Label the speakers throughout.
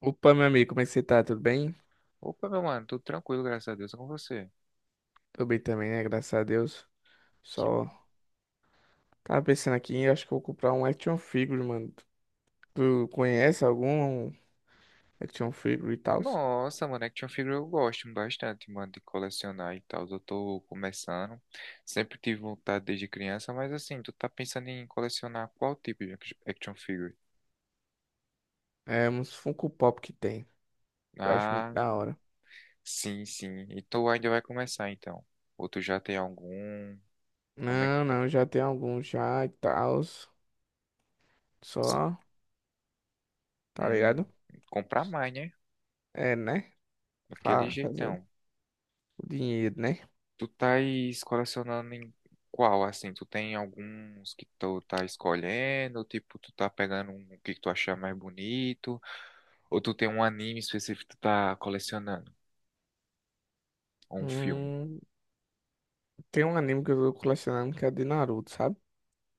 Speaker 1: Opa, meu amigo, como é que você tá? Tudo bem?
Speaker 2: Opa, meu mano, tudo tranquilo, graças a Deus, é com você.
Speaker 1: Tô bem também, né? Graças a Deus.
Speaker 2: Que
Speaker 1: Só
Speaker 2: bom.
Speaker 1: tava pensando aqui, eu acho que eu vou comprar um action figure, mano. Tu conhece algum action figure e tal?
Speaker 2: Nossa, mano, action figure eu gosto bastante, mano, de colecionar e tal. Eu tô começando. Sempre tive vontade desde criança, mas assim, tu tá pensando em colecionar qual tipo de action figure?
Speaker 1: É, uns Funko Pop que tem. Eu acho muito
Speaker 2: Ah,
Speaker 1: da hora.
Speaker 2: sim, sim. E tu ainda vai começar, então. Ou tu já tem algum? Como é que
Speaker 1: Não,
Speaker 2: tá?
Speaker 1: não, já tem alguns já e tal.
Speaker 2: Sim.
Speaker 1: Só, tá
Speaker 2: Hum,
Speaker 1: ligado?
Speaker 2: comprar mais, né?
Speaker 1: É, né?
Speaker 2: Daquele
Speaker 1: Fa fazer
Speaker 2: jeitão.
Speaker 1: o dinheiro, né?
Speaker 2: Tu tá colecionando em qual, assim? Tu tem alguns que tu tá escolhendo, tipo, tu tá pegando um que tu achar mais bonito, ou tu tem um anime específico que tu tá colecionando, ou um filme.
Speaker 1: Hum, tem um anime que eu tô colecionando que é de Naruto, sabe?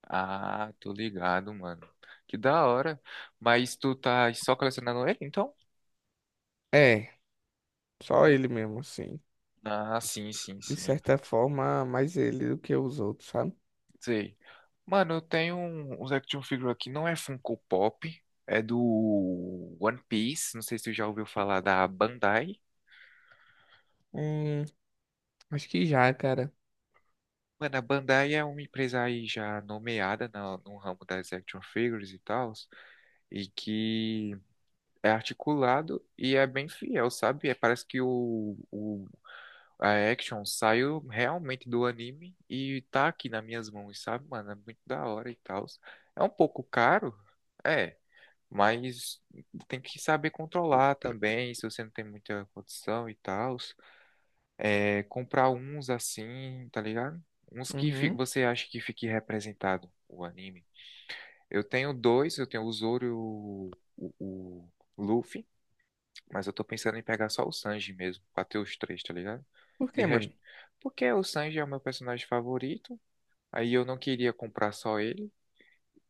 Speaker 2: Ah, tô ligado, mano. Que da hora. Mas tu tá só colecionando ele, então?
Speaker 1: É, só ele mesmo, assim.
Speaker 2: Ah, sim, sim,
Speaker 1: De
Speaker 2: sim.
Speaker 1: certa forma, mais ele do que os outros, sabe?
Speaker 2: Sei. Mano, eu tenho uns action figure aqui, não é Funko Pop, é do One Piece, não sei se tu já ouviu falar da Bandai.
Speaker 1: Hum, acho que já, cara.
Speaker 2: Mano, a Bandai é uma empresa aí já nomeada no ramo das action figures e tal, e que é articulado e é bem fiel, sabe? É, parece que a action saiu realmente do anime e tá aqui nas minhas mãos, sabe, mano? É muito da hora e tal. É um pouco caro, é, mas tem que saber controlar também, se você não tem muita condição e tal. É, comprar uns assim, tá ligado? Uns que
Speaker 1: Uhum.
Speaker 2: você acha que fique representado o anime. Eu tenho dois, eu tenho o Zoro e o Luffy, mas eu tô pensando em pegar só o Sanji mesmo, pra ter os três, tá ligado?
Speaker 1: Por
Speaker 2: De
Speaker 1: quê, mano?
Speaker 2: resto, porque o Sanji é o meu personagem favorito, aí eu não queria comprar só ele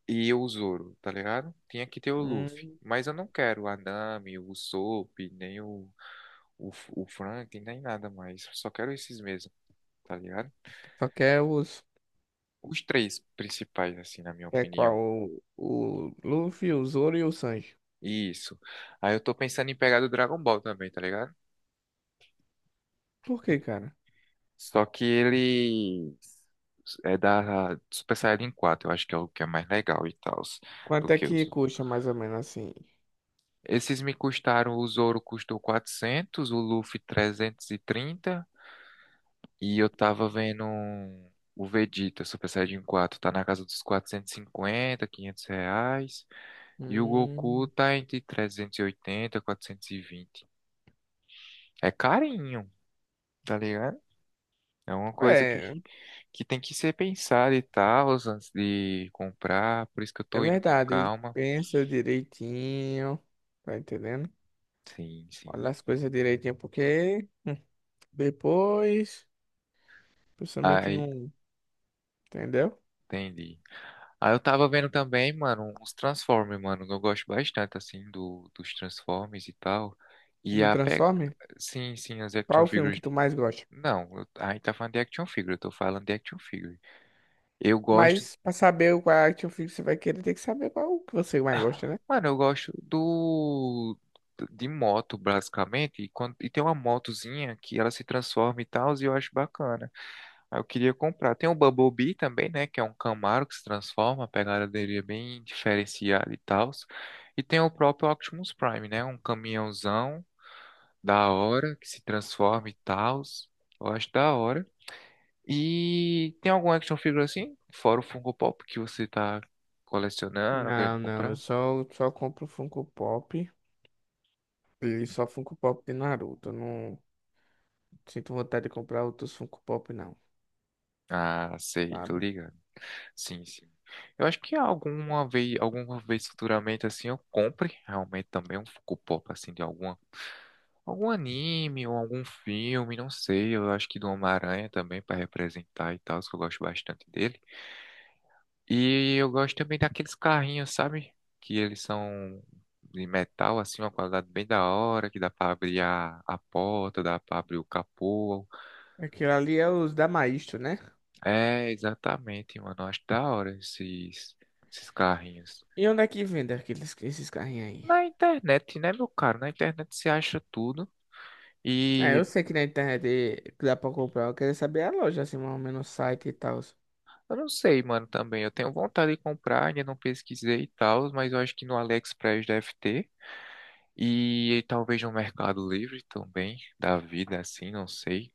Speaker 2: e o Zoro, tá ligado? Tinha que ter o Luffy,
Speaker 1: Hum,
Speaker 2: mas eu não quero o Anami, o Usopp, nem o Frank, nem nada mais, só quero esses mesmo, tá ligado?
Speaker 1: só quer os.
Speaker 2: Os três principais, assim, na minha
Speaker 1: É qual?
Speaker 2: opinião.
Speaker 1: O Luffy, o Zoro e o Sanji.
Speaker 2: Isso. Aí eu tô pensando em pegar do Dragon Ball também, tá ligado?
Speaker 1: Por quê, cara?
Speaker 2: Só que ele é da Super Saiyajin 4, eu acho que é o que é mais legal e tal, do
Speaker 1: Quanto é
Speaker 2: que
Speaker 1: que
Speaker 2: os.
Speaker 1: custa mais ou menos assim?
Speaker 2: Esses me custaram, o Zoro custou 400, o Luffy 330, e eu tava vendo o Vegeta Super Saiyajin 4, tá na casa dos 450, R$ 500, e o Goku
Speaker 1: Hum,
Speaker 2: tá entre 380 e 420. É carinho, tá ligado? É uma coisa que,
Speaker 1: é,
Speaker 2: que tem que ser pensada e tal, antes de comprar. Por isso que eu
Speaker 1: é
Speaker 2: tô indo com
Speaker 1: verdade.
Speaker 2: calma.
Speaker 1: Pensa direitinho. Tá entendendo?
Speaker 2: Sim, sim.
Speaker 1: Olha as coisas direitinho, porque depois. Pessoa meio que
Speaker 2: Aí,
Speaker 1: não. Entendeu?
Speaker 2: entendi. Aí eu tava vendo também, mano, uns Transformers, mano. Eu gosto bastante, assim, dos Transformers e tal. E
Speaker 1: Do
Speaker 2: a pe...
Speaker 1: Transformer?
Speaker 2: Sim, sim, as
Speaker 1: Qual
Speaker 2: action
Speaker 1: o filme que
Speaker 2: figures.
Speaker 1: tu mais gosta?
Speaker 2: Não, eu... aí tá falando de action figure, eu tô falando de action figure. Eu gosto
Speaker 1: Mas pra saber qual é a action figure que você vai querer, tem que saber qual que você mais gosta, né?
Speaker 2: Mano, eu gosto do de moto, basicamente, e, e tem uma motozinha que ela se transforma e tal, e eu acho bacana. Aí eu queria comprar. Tem o Bumblebee também, né, que é um Camaro que se transforma, a pegada dele é bem diferenciada e tal. E tem o próprio Optimus Prime, né, um caminhãozão da hora que se transforma e tal. Eu acho da hora. E tem algum action figure assim, fora o Funko Pop que você tá colecionando,
Speaker 1: Não,
Speaker 2: querendo
Speaker 1: não, eu
Speaker 2: comprar?
Speaker 1: só compro Funko Pop e só Funko Pop de Naruto. Eu não sinto vontade de comprar outros Funko Pop, não,
Speaker 2: Ah, sei, tu
Speaker 1: sabe?
Speaker 2: liga. Sim, sim. Eu acho que alguma vez futuramente assim eu compre realmente também um Funko Pop assim de algum anime ou algum filme, não sei. Eu acho que do Homem-Aranha também para representar e tal, que eu gosto bastante dele. E eu gosto também daqueles carrinhos, sabe? Que eles são de metal assim, uma qualidade bem da hora, que dá para abrir a porta, dá para abrir o capô.
Speaker 1: Aquilo ali é os da Maestro, né?
Speaker 2: É, exatamente, mano. Eu acho da hora esses carrinhos.
Speaker 1: E onde é que vende aqueles, esses carrinhos aí?
Speaker 2: Na internet, né, meu caro? Na internet você acha tudo.
Speaker 1: É,
Speaker 2: E
Speaker 1: eu sei que na internet dá pra comprar, eu queria saber a loja, assim, mais ou menos o site e tal.
Speaker 2: eu não sei, mano, também. Eu tenho vontade de comprar, ainda não pesquisei e tal, mas eu acho que no AliExpress deve ter. E talvez no Mercado Livre também, da vida, assim, não sei.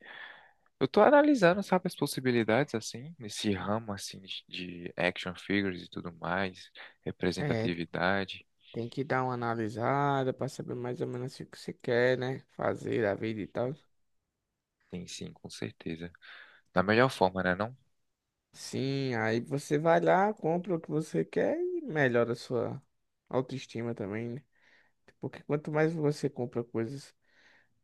Speaker 2: Eu tô analisando, sabe, as possibilidades, assim, nesse ramo, assim, de action figures e tudo mais,
Speaker 1: É,
Speaker 2: representatividade.
Speaker 1: tem que dar uma analisada pra saber mais ou menos o que você quer, né? Fazer a vida e tal.
Speaker 2: Tem sim, com certeza. Da melhor forma, né, não?
Speaker 1: Sim, aí você vai lá, compra o que você quer e melhora a sua autoestima também, né? Porque quanto mais você compra coisas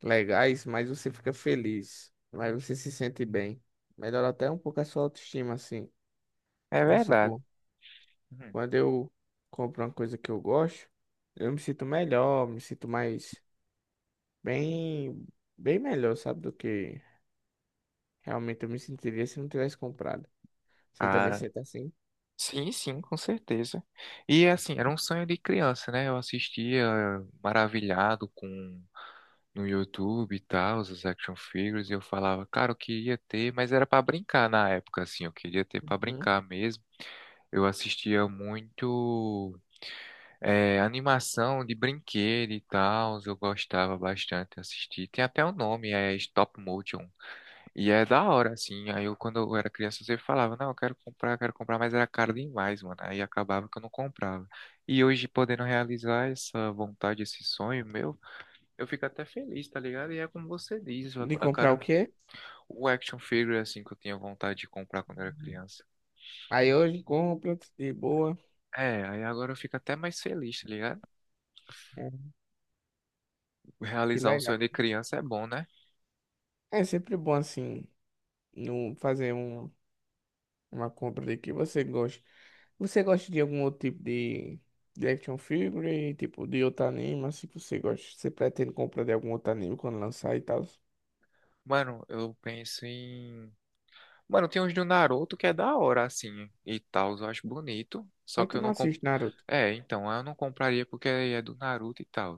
Speaker 1: legais, mais você fica feliz, mais você se sente bem. Melhora até um pouco a sua autoestima, assim.
Speaker 2: É
Speaker 1: Vamos
Speaker 2: verdade.
Speaker 1: supor,
Speaker 2: Uhum.
Speaker 1: quando eu compro uma coisa que eu gosto, eu me sinto melhor, me sinto bem, bem melhor, sabe, do que realmente eu me sentiria se não tivesse comprado. Você também sente assim?
Speaker 2: Sim, sim, com certeza. E assim, era um sonho de criança, né? Eu assistia maravilhado com no YouTube e tal, os action figures, e eu falava, cara, eu queria ter, mas era pra brincar na época, assim, eu queria ter pra
Speaker 1: Uhum.
Speaker 2: brincar mesmo. Eu assistia muito animação de brinquedo e tal, eu gostava bastante de assistir. Tem até o nome, é Stop Motion. E é da hora, assim. Aí eu, quando eu era criança, eu sempre falava, não, eu quero comprar, mas era caro demais, mano. Aí acabava que eu não comprava. E hoje, podendo realizar essa vontade, esse sonho meu, eu fico até feliz, tá ligado? E é como você diz, a,
Speaker 1: De
Speaker 2: a
Speaker 1: comprar o
Speaker 2: cara,
Speaker 1: quê?
Speaker 2: o action figure, assim, que eu tinha vontade de comprar quando eu era criança.
Speaker 1: Aí hoje compra, de boa.
Speaker 2: É, aí agora eu fico até mais feliz, tá ligado?
Speaker 1: É, que
Speaker 2: Realizar um
Speaker 1: legal.
Speaker 2: sonho de criança é bom, né?
Speaker 1: É sempre bom assim, não fazer uma compra de que você gosta. Você gosta de algum outro tipo de action figure, tipo de outro anime, assim que você gosta? Você pretende comprar de algum outro anime quando lançar e tal?
Speaker 2: Mano, eu penso em Mano, tem uns do Naruto que é da hora, assim, e tal, eu acho bonito. Só
Speaker 1: Mas
Speaker 2: que
Speaker 1: tu
Speaker 2: eu
Speaker 1: não
Speaker 2: não comp...
Speaker 1: assiste Naruto.
Speaker 2: É, então, eu não compraria porque é do Naruto e tal.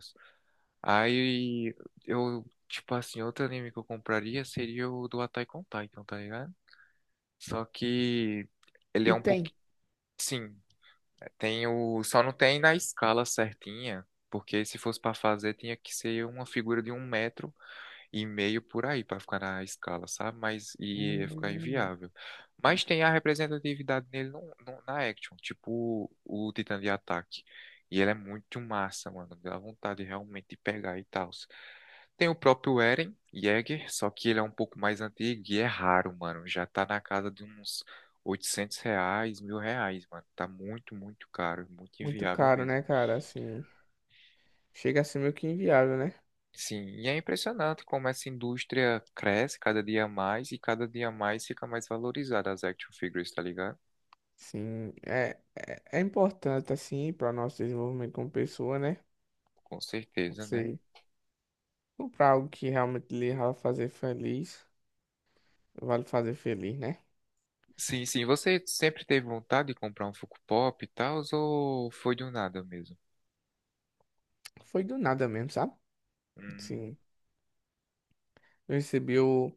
Speaker 2: Aí eu, tipo assim, outro anime que eu compraria seria o do Attack on Titan, tá ligado? Só que ele é
Speaker 1: E
Speaker 2: um pouco,
Speaker 1: tem.
Speaker 2: sim, tem o, só não tem na escala certinha, porque se fosse pra fazer tinha que ser uma figura de um metro e meio por aí para ficar na escala, sabe? Mas e ia ficar
Speaker 1: Hum,
Speaker 2: inviável. Mas tem a representatividade nele na action, tipo o Titã de Ataque. E ele é muito massa, mano. Dá vontade realmente de pegar e tal. Tem o próprio Eren Yeager, só que ele é um pouco mais antigo e é raro, mano. Já tá na casa de uns R$ 800, R$ 1.000, mano. Tá muito, muito caro, muito
Speaker 1: Muito
Speaker 2: inviável
Speaker 1: caro,
Speaker 2: mesmo.
Speaker 1: né, cara? Assim, chega a ser meio que inviável, né?
Speaker 2: Sim, e é impressionante como essa indústria cresce cada dia mais e cada dia mais fica mais valorizada as action figures, tá ligado?
Speaker 1: Sim, é importante, assim, para o nosso desenvolvimento como pessoa, né?
Speaker 2: Com certeza, né?
Speaker 1: Você comprar algo que realmente lhe vai fazer feliz, vale fazer feliz, né?
Speaker 2: Sim, sim. Você sempre teve vontade de comprar um Funko Pop e tal, ou foi do nada mesmo?
Speaker 1: Foi do nada mesmo, sabe?
Speaker 2: Hum.
Speaker 1: Sim. Eu recebi o.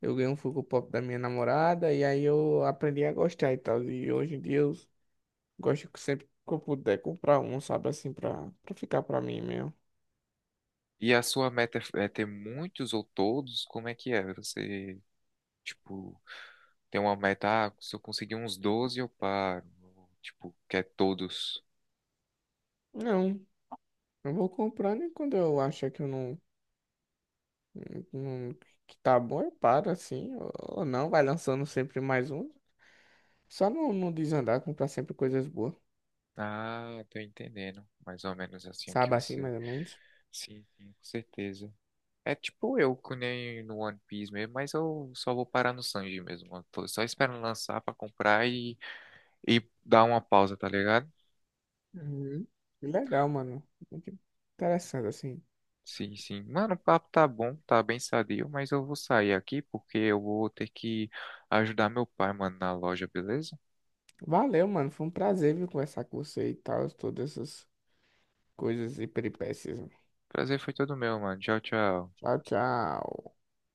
Speaker 1: Eu ganhei um Funko Pop da minha namorada e aí eu aprendi a gostar e tal. E hoje em dia eu gosto que sempre que eu puder comprar um, sabe? Assim, pra ficar pra mim mesmo.
Speaker 2: E a sua meta é ter muitos ou todos? Como é que é? Você, tipo, tem uma meta, ah, se eu conseguir uns 12 eu paro. Ou, tipo, quer todos?
Speaker 1: Não, eu vou comprando e quando eu achar que eu não, não- que tá bom, eu paro assim. Ou não, vai lançando sempre mais um. Só não, não desandar, comprar sempre coisas boas,
Speaker 2: Ah, tô entendendo. Mais ou menos assim o que
Speaker 1: sabe? Assim,
Speaker 2: você.
Speaker 1: mais ou menos.
Speaker 2: Sim, sim, com certeza. É tipo eu, que nem no One Piece mesmo, mas eu só vou parar no Sanji mesmo. Eu tô só esperando lançar pra comprar e dar uma pausa, tá ligado?
Speaker 1: Uhum. Que legal, mano. Muito interessante, assim.
Speaker 2: Sim, sim. Mano, o papo tá bom, tá bem sadio, mas eu vou sair aqui porque eu vou ter que ajudar meu pai, mano, na loja, beleza?
Speaker 1: Valeu, mano. Foi um prazer, viu, conversar com você e tal, todas essas coisas e peripécias.
Speaker 2: Prazer foi todo meu, mano. Tchau, tchau.
Speaker 1: Tchau, tchau.